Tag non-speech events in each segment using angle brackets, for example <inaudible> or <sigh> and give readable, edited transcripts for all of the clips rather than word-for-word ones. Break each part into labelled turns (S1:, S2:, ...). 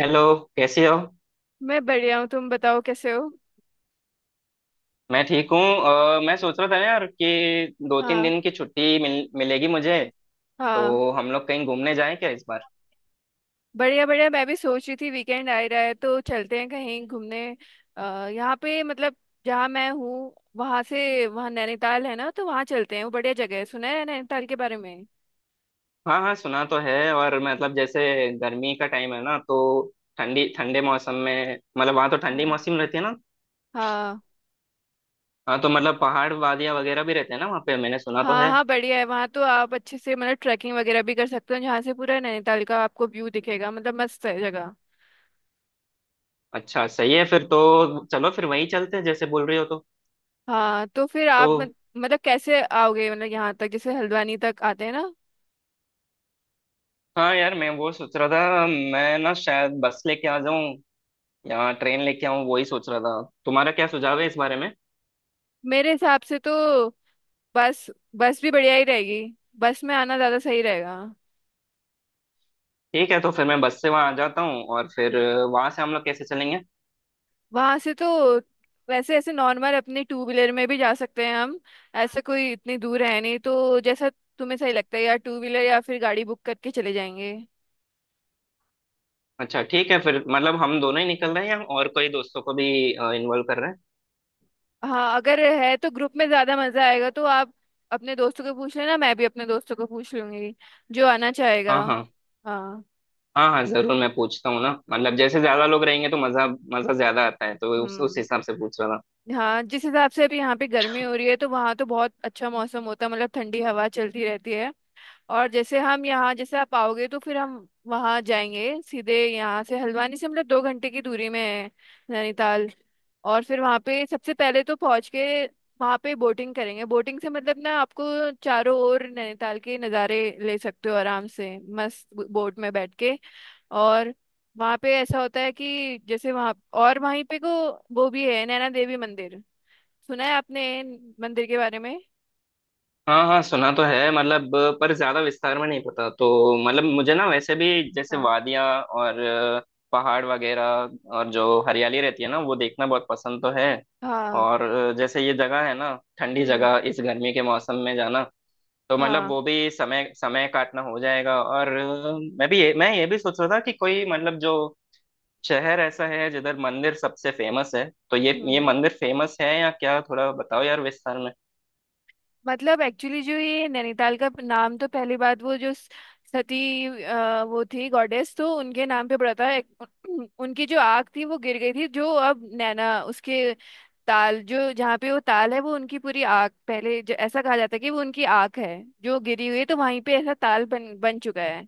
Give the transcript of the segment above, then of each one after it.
S1: Hello. कैसे हो।
S2: मैं बढ़िया हूँ। तुम बताओ कैसे हो।
S1: मैं ठीक हूँ। मैं सोच रहा था यार कि दो तीन
S2: हाँ।
S1: दिन की छुट्टी मिलेगी मुझे।
S2: हाँ।
S1: तो हम लोग कहीं घूमने जाएं क्या इस बार।
S2: बढ़िया बढ़िया, मैं भी सोच रही थी वीकेंड आ ही रहा है तो चलते हैं कहीं घूमने। अ, यहाँ पे मतलब जहाँ मैं हूँ वहाँ से वहाँ नैनीताल है ना, तो वहाँ चलते हैं। वो बढ़िया जगह है, सुना है नैनीताल के बारे में।
S1: हाँ हाँ सुना तो है। और मतलब जैसे गर्मी का टाइम है ना, तो ठंडी ठंडे मौसम में मतलब वहाँ तो ठंडी
S2: हाँ।
S1: मौसम रहती है ना।
S2: हाँ।
S1: हाँ तो मतलब पहाड़ वादियाँ वगैरह भी रहते हैं ना वहाँ पे, मैंने सुना तो
S2: हाँ।
S1: है।
S2: हाँ। बढ़िया है वहाँ, तो आप अच्छे से मतलब ट्रैकिंग वगैरह भी कर सकते हो जहाँ से पूरा नैनीताल का आपको व्यू दिखेगा, मतलब मस्त है जगह।
S1: अच्छा सही है फिर तो, चलो फिर वहीं चलते हैं जैसे बोल रही हो तो।
S2: हाँ तो फिर
S1: तो
S2: आप मतलब कैसे आओगे, मतलब यहाँ तक जैसे हल्द्वानी तक आते हैं ना।
S1: हाँ यार, मैं वो सोच रहा था, मैं ना शायद बस लेके आ जाऊं। यहाँ ट्रेन लेके आऊँ, वही सोच रहा था। तुम्हारा क्या सुझाव है इस बारे में।
S2: मेरे हिसाब से तो बस बस भी बढ़िया ही रहेगी, बस में आना ज्यादा सही रहेगा।
S1: ठीक है, तो फिर मैं बस से वहाँ आ जाता हूँ, और फिर वहाँ से हम लोग कैसे चलेंगे।
S2: वहां से तो वैसे ऐसे नॉर्मल अपने टू व्हीलर में भी जा सकते हैं हम। ऐसा कोई इतनी दूर है नहीं, तो जैसा तुम्हें सही लगता है, या टू व्हीलर या फिर गाड़ी बुक करके चले जाएंगे।
S1: अच्छा ठीक है, फिर मतलब हम दोनों ही निकल रहे हैं या और कोई दोस्तों को भी इन्वॉल्व कर रहे हैं।
S2: हाँ अगर है तो ग्रुप में ज्यादा मजा आएगा, तो आप अपने दोस्तों को पूछ लेना, मैं भी अपने दोस्तों को पूछ लूंगी जो आना चाहेगा।
S1: हाँ हाँ।
S2: हाँ।
S1: हाँ हाँ जरूर, मैं पूछता हूँ ना। मतलब जैसे ज्यादा लोग रहेंगे तो मजा, मजा ज्यादा आता है, तो उस
S2: हम्म।
S1: हिसाब से पूछ रहा था।
S2: हाँ जिस हिसाब से अभी यहाँ पे गर्मी हो रही है तो वहाँ तो बहुत अच्छा मौसम होता है, मतलब ठंडी हवा चलती रहती है। और जैसे हम यहाँ जैसे आप आओगे तो फिर हम वहाँ जाएंगे सीधे, यहाँ से हल्द्वानी से मतलब 2 घंटे की दूरी में है नैनीताल। और फिर वहाँ पे सबसे पहले तो पहुँच के वहाँ पे बोटिंग करेंगे। बोटिंग से मतलब ना आपको चारों ओर नैनीताल के नज़ारे ले सकते हो आराम से मस्त बोट में बैठ के। और वहाँ पे ऐसा होता है कि जैसे वहाँ और वहीं पे को वो भी है, नैना देवी मंदिर। सुना है आपने मंदिर के बारे में।
S1: हाँ हाँ सुना तो है मतलब, पर ज्यादा विस्तार में नहीं पता तो। मतलब मुझे ना वैसे भी, जैसे
S2: हाँ।
S1: वादियाँ और पहाड़ वगैरह, और जो हरियाली रहती है ना, वो देखना बहुत पसंद तो है।
S2: हाँ।
S1: और जैसे ये जगह है ना, ठंडी
S2: हम्म।
S1: जगह, इस गर्मी के मौसम में जाना, तो मतलब
S2: हाँ।
S1: वो भी समय समय काटना हो जाएगा। और मैं भी मैं ये भी सोच रहा था कि कोई मतलब जो शहर ऐसा है जिधर मंदिर सबसे फेमस है, तो ये
S2: हम्म,
S1: मंदिर फेमस है या क्या, थोड़ा बताओ यार विस्तार।
S2: मतलब एक्चुअली जो ये नैनीताल का नाम तो पहली बात, वो जो सती वो थी गॉडेस, तो उनके नाम पे पड़ा था। <clears throat> उनकी जो आग थी वो गिर गई थी, जो अब नैना उसके ताल, जो जहाँ पे वो ताल है वो उनकी पूरी आग, पहले जो ऐसा कहा जाता है कि वो उनकी आग है जो गिरी हुई है, तो वहीं पे ऐसा ताल बन बन चुका है।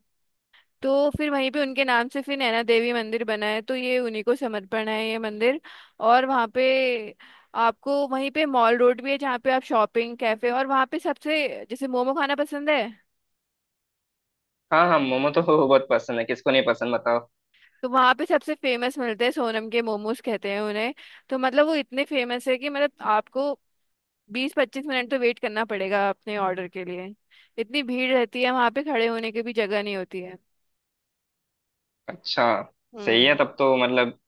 S2: तो फिर वहीं पे उनके नाम से फिर नैना देवी मंदिर बना है, तो ये उन्हीं को समर्पण है ये मंदिर। और वहाँ पे आपको वहीं पे मॉल रोड भी है जहाँ पे आप शॉपिंग कैफे, और वहाँ पे सबसे जैसे मोमो खाना पसंद है
S1: हाँ हाँ मोमो तो <laughs> बहुत पसंद है, किसको नहीं पसंद बताओ।
S2: तो वहाँ पे सबसे फेमस मिलते हैं सोनम के मोमोज कहते हैं उन्हें। तो मतलब वो इतने फेमस है कि मतलब आपको 20-25 मिनट तो वेट करना पड़ेगा अपने ऑर्डर के लिए, इतनी भीड़ रहती है वहाँ पे, खड़े होने की भी जगह नहीं होती है।
S1: अच्छा सही है
S2: हम्म।
S1: तब तो मतलब,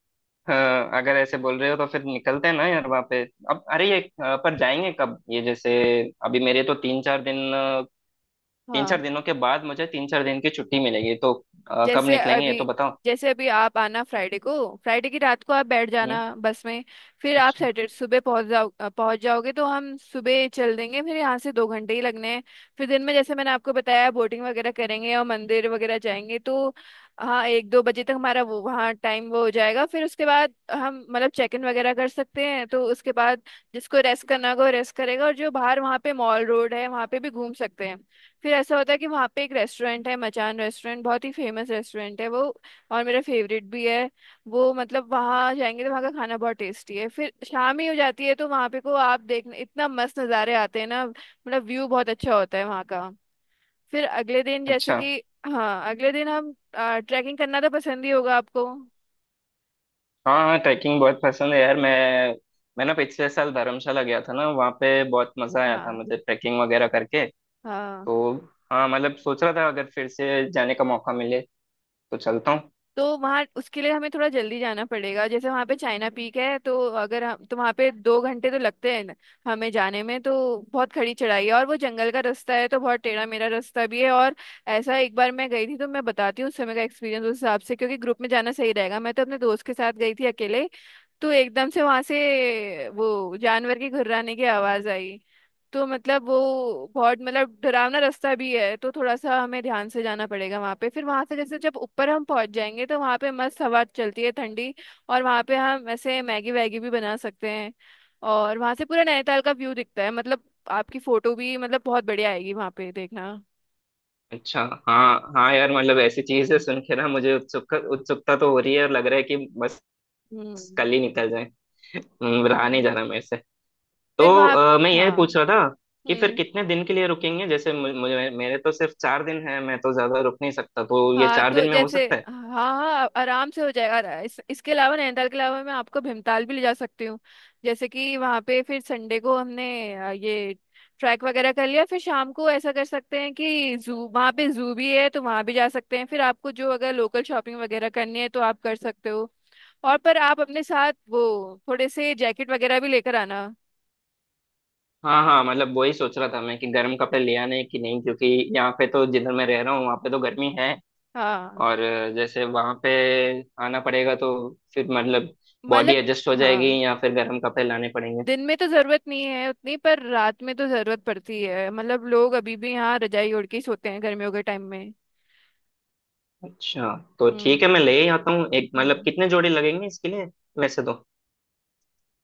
S1: हाँ, अगर ऐसे बोल रहे हो तो फिर निकलते हैं ना यार वहाँ पे। अब अरे ये पर जाएंगे कब ये, जैसे अभी मेरे तो तीन चार दिन तीन
S2: हाँ
S1: चार दिनों के बाद मुझे तीन चार दिन की छुट्टी मिलेगी तो कब
S2: जैसे
S1: निकलेंगे ये
S2: अभी,
S1: तो बताओ।
S2: जैसे अभी आप आना फ्राइडे को, फ्राइडे की रात को आप बैठ
S1: हम्म।
S2: जाना बस में। फिर आप
S1: अच्छा।
S2: सैटरडे सुबह पहुंच जाओ, पहुंच जाओगे तो हम सुबह चल देंगे, फिर यहाँ से 2 घंटे ही लगने हैं। फिर दिन में जैसे मैंने आपको बताया बोटिंग वगैरह करेंगे और मंदिर वगैरह जाएंगे, तो हाँ 1-2 बजे तक हमारा वो वहाँ टाइम वो हो जाएगा, फिर उसके बाद हम मतलब चेक इन वगैरह कर सकते हैं। तो उसके बाद जिसको रेस्ट करना होगा वो रेस्ट करेगा, और जो बाहर वहाँ पे मॉल रोड है वहाँ पे भी घूम सकते हैं। फिर ऐसा होता है कि वहाँ पे एक रेस्टोरेंट है, मचान रेस्टोरेंट, बहुत ही फेमस रेस्टोरेंट है वो, और मेरा फेवरेट भी है वो। मतलब वहाँ जाएंगे तो वहाँ का खाना बहुत टेस्टी है, फिर शाम ही हो जाती है, तो वहाँ पे को आप देखने इतना मस्त नज़ारे आते हैं ना, मतलब व्यू बहुत अच्छा होता है वहाँ का। फिर अगले दिन जैसे
S1: अच्छा।
S2: कि हाँ अगले दिन हम ट्रैकिंग करना तो पसंद ही होगा आपको।
S1: हाँ हाँ ट्रैकिंग बहुत पसंद है यार। मैं ना पिछले साल धर्मशाला गया था ना, वहाँ पे बहुत मजा आया था
S2: हाँ।
S1: मुझे ट्रैकिंग वगैरह करके।
S2: हाँ
S1: तो हाँ मतलब सोच रहा था, अगर फिर से जाने का मौका मिले तो चलता हूँ।
S2: तो वहाँ उसके लिए हमें थोड़ा जल्दी जाना पड़ेगा, जैसे वहाँ पे चाइना पीक है, तो अगर हम तो वहाँ पे 2 घंटे तो लगते हैं हमें जाने में तो। बहुत खड़ी चढ़ाई है, और वो जंगल का रास्ता है तो बहुत टेढ़ा मेरा रास्ता भी है। और ऐसा एक बार मैं गई थी, तो मैं बताती हूँ उस समय का एक्सपीरियंस, उस हिसाब से क्योंकि ग्रुप में जाना सही रहेगा। मैं तो अपने दोस्त के साथ गई थी अकेले, तो एकदम से वहाँ से वो जानवर की घुर्राने की आवाज़ आई। तो मतलब वो बहुत मतलब डरावना रास्ता भी है, तो थोड़ा सा हमें ध्यान से जाना पड़ेगा वहां पे। फिर वहां से जैसे जब ऊपर हम पहुंच जाएंगे तो वहां पे मस्त हवा चलती है ठंडी, और वहां पे हम ऐसे मैगी वैगी भी बना सकते हैं, और वहां से पूरा नैनीताल का व्यू दिखता है, मतलब आपकी फोटो भी मतलब बहुत बढ़िया आएगी वहां पे देखना।
S1: अच्छा। हाँ हाँ यार मतलब ऐसी चीजें सुन के ना मुझे उत्सुकता उत्सुकता तो हो रही है, और लग रहा है कि बस
S2: हम्म।
S1: कल ही निकल जाए। रहा
S2: हाँ
S1: नहीं जा रहा मेरे से।
S2: फिर
S1: तो
S2: वहां।
S1: मैं ये
S2: हाँ।
S1: पूछ रहा था कि फिर
S2: हम्म।
S1: कितने दिन के लिए रुकेंगे। जैसे मुझे, मेरे तो सिर्फ चार दिन है, मैं तो ज्यादा रुक नहीं सकता, तो ये
S2: हाँ
S1: चार
S2: तो
S1: दिन में हो
S2: जैसे
S1: सकता है।
S2: हाँ, हाँ आराम से हो जाएगा। इसके अलावा, नैनीताल के अलावा, मैं आपको भीमताल भी ले जा सकती हूँ। जैसे कि वहाँ पे फिर संडे को हमने ये ट्रैक वगैरह कर लिया, फिर शाम को ऐसा कर सकते हैं कि जू वहाँ पे जू भी है तो वहाँ भी जा सकते हैं। फिर आपको जो अगर लोकल शॉपिंग वगैरह करनी है तो आप कर सकते हो। और पर आप अपने साथ वो थोड़े से जैकेट वगैरह भी लेकर आना।
S1: हाँ हाँ मतलब वही सोच रहा था मैं कि गर्म कपड़े ले आने कि नहीं, क्योंकि यहाँ पे तो जिधर मैं रह रहा हूँ वहाँ पे तो गर्मी है,
S2: हाँ।
S1: और जैसे वहां पे आना पड़ेगा तो फिर
S2: म-
S1: मतलब बॉडी
S2: मतलब
S1: एडजस्ट हो जाएगी
S2: हाँ,
S1: या फिर गर्म कपड़े लाने पड़ेंगे।
S2: दिन में तो जरूरत नहीं है उतनी, पर रात में तो जरूरत पड़ती है, मतलब लोग अभी भी यहाँ रजाई ओढ़ के ही सोते हैं गर्मियों के टाइम में।
S1: अच्छा तो
S2: हम्म।
S1: ठीक है, मैं ले ही आता हूँ एक, मतलब
S2: हम्म,
S1: कितने जोड़ी लगेंगे इसके लिए वैसे तो।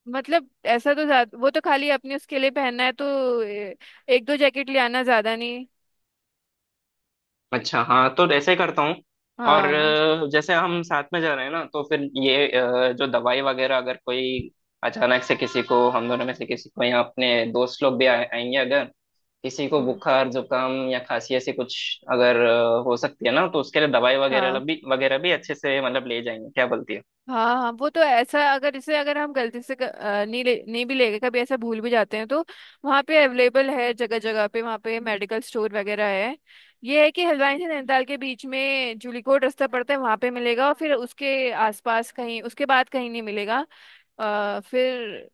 S2: मतलब ऐसा तो ज्यादा वो तो खाली अपने उसके लिए पहनना है, तो एक दो जैकेट ले आना, ज्यादा नहीं।
S1: अच्छा हाँ, तो ऐसे ही करता हूँ। और
S2: हाँ।
S1: जैसे हम साथ में जा रहे हैं ना, तो फिर ये जो दवाई वगैरह, अगर कोई अचानक से किसी को, हम दोनों में से किसी को या अपने दोस्त लोग भी आएंगे अगर, किसी को
S2: हम्म।
S1: बुखार जुकाम या खांसी ऐसी कुछ अगर हो सकती है ना, तो उसके लिए दवाई
S2: हाँ।
S1: वगैरह भी अच्छे से मतलब ले जाएंगे, क्या बोलती है।
S2: हाँ। हाँ वो तो ऐसा, अगर इसे अगर हम गलती से नहीं ले, नहीं भी ले गए, कभी ऐसा भूल भी जाते हैं, तो वहाँ पे अवेलेबल है जगह जगह पे, वहाँ पे मेडिकल स्टोर वगैरह है। ये है कि हल्द्वानी से नैनीताल के बीच में जूलीकोट रास्ता पड़ता है, वहाँ पे मिलेगा, और फिर उसके आसपास कहीं, उसके बाद कहीं नहीं मिलेगा। फिर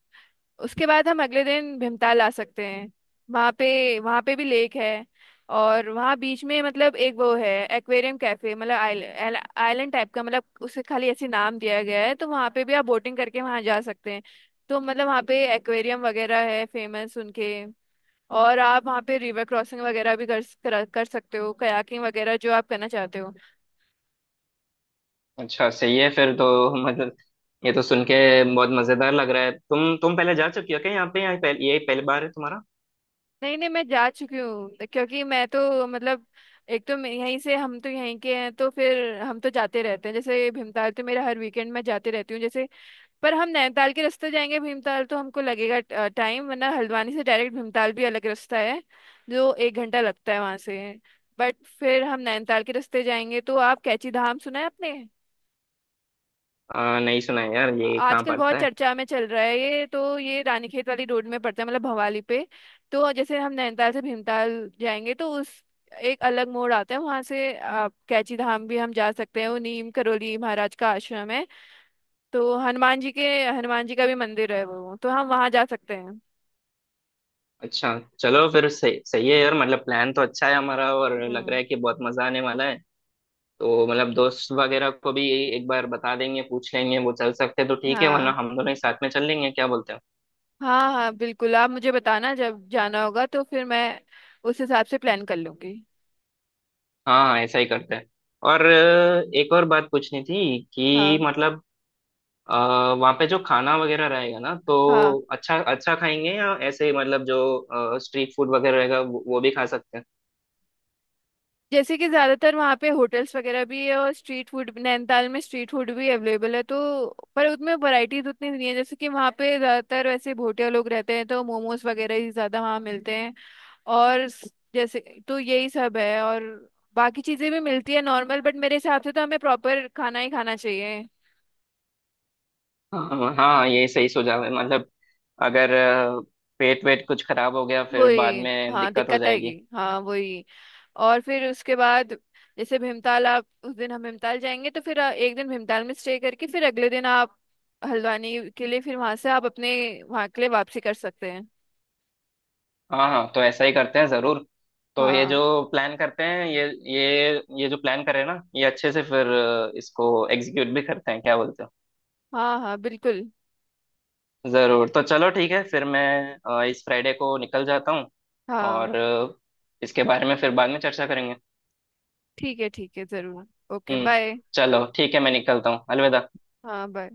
S2: उसके बाद हम अगले दिन भीमताल आ सकते हैं, वहाँ पे भी लेक है। और वहाँ बीच में मतलब एक वो है एक्वेरियम कैफे, मतलब आइलैंड, आइलैंड टाइप का, मतलब उसे खाली ऐसे नाम दिया गया है, तो वहाँ पे भी आप बोटिंग करके वहाँ जा सकते हैं। तो मतलब वहाँ पे एक्वेरियम वगैरह है फेमस उनके, और आप वहाँ पे रिवर क्रॉसिंग वगैरह भी कर सकते हो, कयाकिंग वगैरह जो आप करना चाहते हो।
S1: अच्छा सही है फिर तो <laughs> मतलब, ये तो सुन के बहुत मजेदार लग रहा है। तुम पहले जा चुकी हो क्या यहाँ पे, या यही पहली बार है तुम्हारा।
S2: नहीं नहीं मैं जा चुकी हूँ, क्योंकि मैं तो मतलब एक तो मैं यहीं से, हम तो यहीं के हैं, तो फिर हम तो जाते रहते हैं, जैसे भीमताल तो मेरा हर वीकेंड में जाते रहती हूँ। जैसे पर हम नैनीताल के रास्ते जाएंगे भीमताल तो हमको लगेगा टाइम, वरना हल्द्वानी से डायरेक्ट भीमताल भी अलग रास्ता है जो 1 घंटा लगता है वहां से। बट फिर हम नैनीताल के रास्ते जाएंगे तो आप कैची धाम सुना है आपने।
S1: नहीं सुना है यार, ये कहाँ
S2: आजकल बहुत
S1: पड़ता है।
S2: चर्चा में चल रहा है ये, तो ये रानीखेत वाली रोड में पड़ता है, मतलब भवाली पे। तो जैसे हम नैनीताल से भीमताल जाएंगे तो उस एक अलग मोड़ आता है, वहां से आप कैची धाम भी हम जा सकते हैं, वो नीम करोली महाराज का आश्रम है। तो हनुमान जी के, हनुमान जी का भी मंदिर है वो, तो हम वहां जा सकते हैं।
S1: अच्छा चलो, फिर सही, सही है यार, मतलब प्लान तो अच्छा है हमारा और लग
S2: हम्म।
S1: रहा है कि बहुत मजा आने वाला है। तो मतलब दोस्त वगैरह को भी एक बार बता देंगे, पूछ लेंगे, वो चल सकते हैं तो ठीक है, वरना
S2: हाँ।
S1: हम दोनों ही साथ में चल लेंगे, क्या बोलते हो।
S2: हाँ। हाँ बिल्कुल, आप मुझे बताना जब जाना होगा तो फिर मैं उस हिसाब से प्लान कर लूंगी।
S1: हाँ ऐसा ही करते हैं। और एक और बात पूछनी थी कि
S2: हाँ।
S1: मतलब, वहाँ पे जो खाना वगैरह रहेगा ना
S2: हाँ
S1: तो अच्छा अच्छा खाएंगे या ऐसे ही मतलब जो स्ट्रीट फूड वगैरह रहेगा वो भी खा सकते हैं।
S2: जैसे कि ज्यादातर वहाँ पे होटल्स वगैरह भी है, और स्ट्रीट फूड नैनीताल में स्ट्रीट फूड भी अवेलेबल है, तो पर उसमें वैरायटीज उतनी नहीं है, जैसे कि वहाँ पे ज्यादातर वैसे भोटिया लोग रहते हैं तो मोमोज वगैरह ही ज्यादा वहाँ मिलते हैं। और जैसे तो यही सब है, और बाकी चीजें भी मिलती है नॉर्मल, बट मेरे हिसाब से तो हमें प्रॉपर खाना ही खाना चाहिए।
S1: हाँ हाँ ये सही सुझाव है मतलब, अगर अ, पेट वेट कुछ खराब हो गया फिर बाद
S2: वही
S1: में
S2: हाँ
S1: दिक्कत हो
S2: दिक्कत आएगी,
S1: जाएगी।
S2: हाँ वही। और फिर उसके बाद जैसे भीमताल, आप उस दिन हम भीमताल जाएंगे तो फिर एक दिन भीमताल में स्टे करके, फिर अगले दिन आप हल्द्वानी के लिए, फिर वहां से आप अपने वहां के लिए वापसी कर सकते हैं।
S1: हाँ हाँ तो ऐसा ही करते हैं जरूर। तो
S2: हाँ।
S1: प्लान करते हैं ये ये ये जो प्लान करें ना, ये अच्छे से फिर इसको एग्जीक्यूट भी करते हैं, क्या बोलते हैं।
S2: हाँ। हाँ बिल्कुल।
S1: जरूर, तो चलो ठीक है फिर मैं इस फ्राइडे को निकल जाता हूँ।
S2: हाँ।
S1: और इसके बारे में फिर बाद में चर्चा करेंगे।
S2: ठीक है जरूर। ओके
S1: हम्म।
S2: बाय।
S1: चलो ठीक है, मैं निकलता हूँ, अलविदा।
S2: हाँ बाय।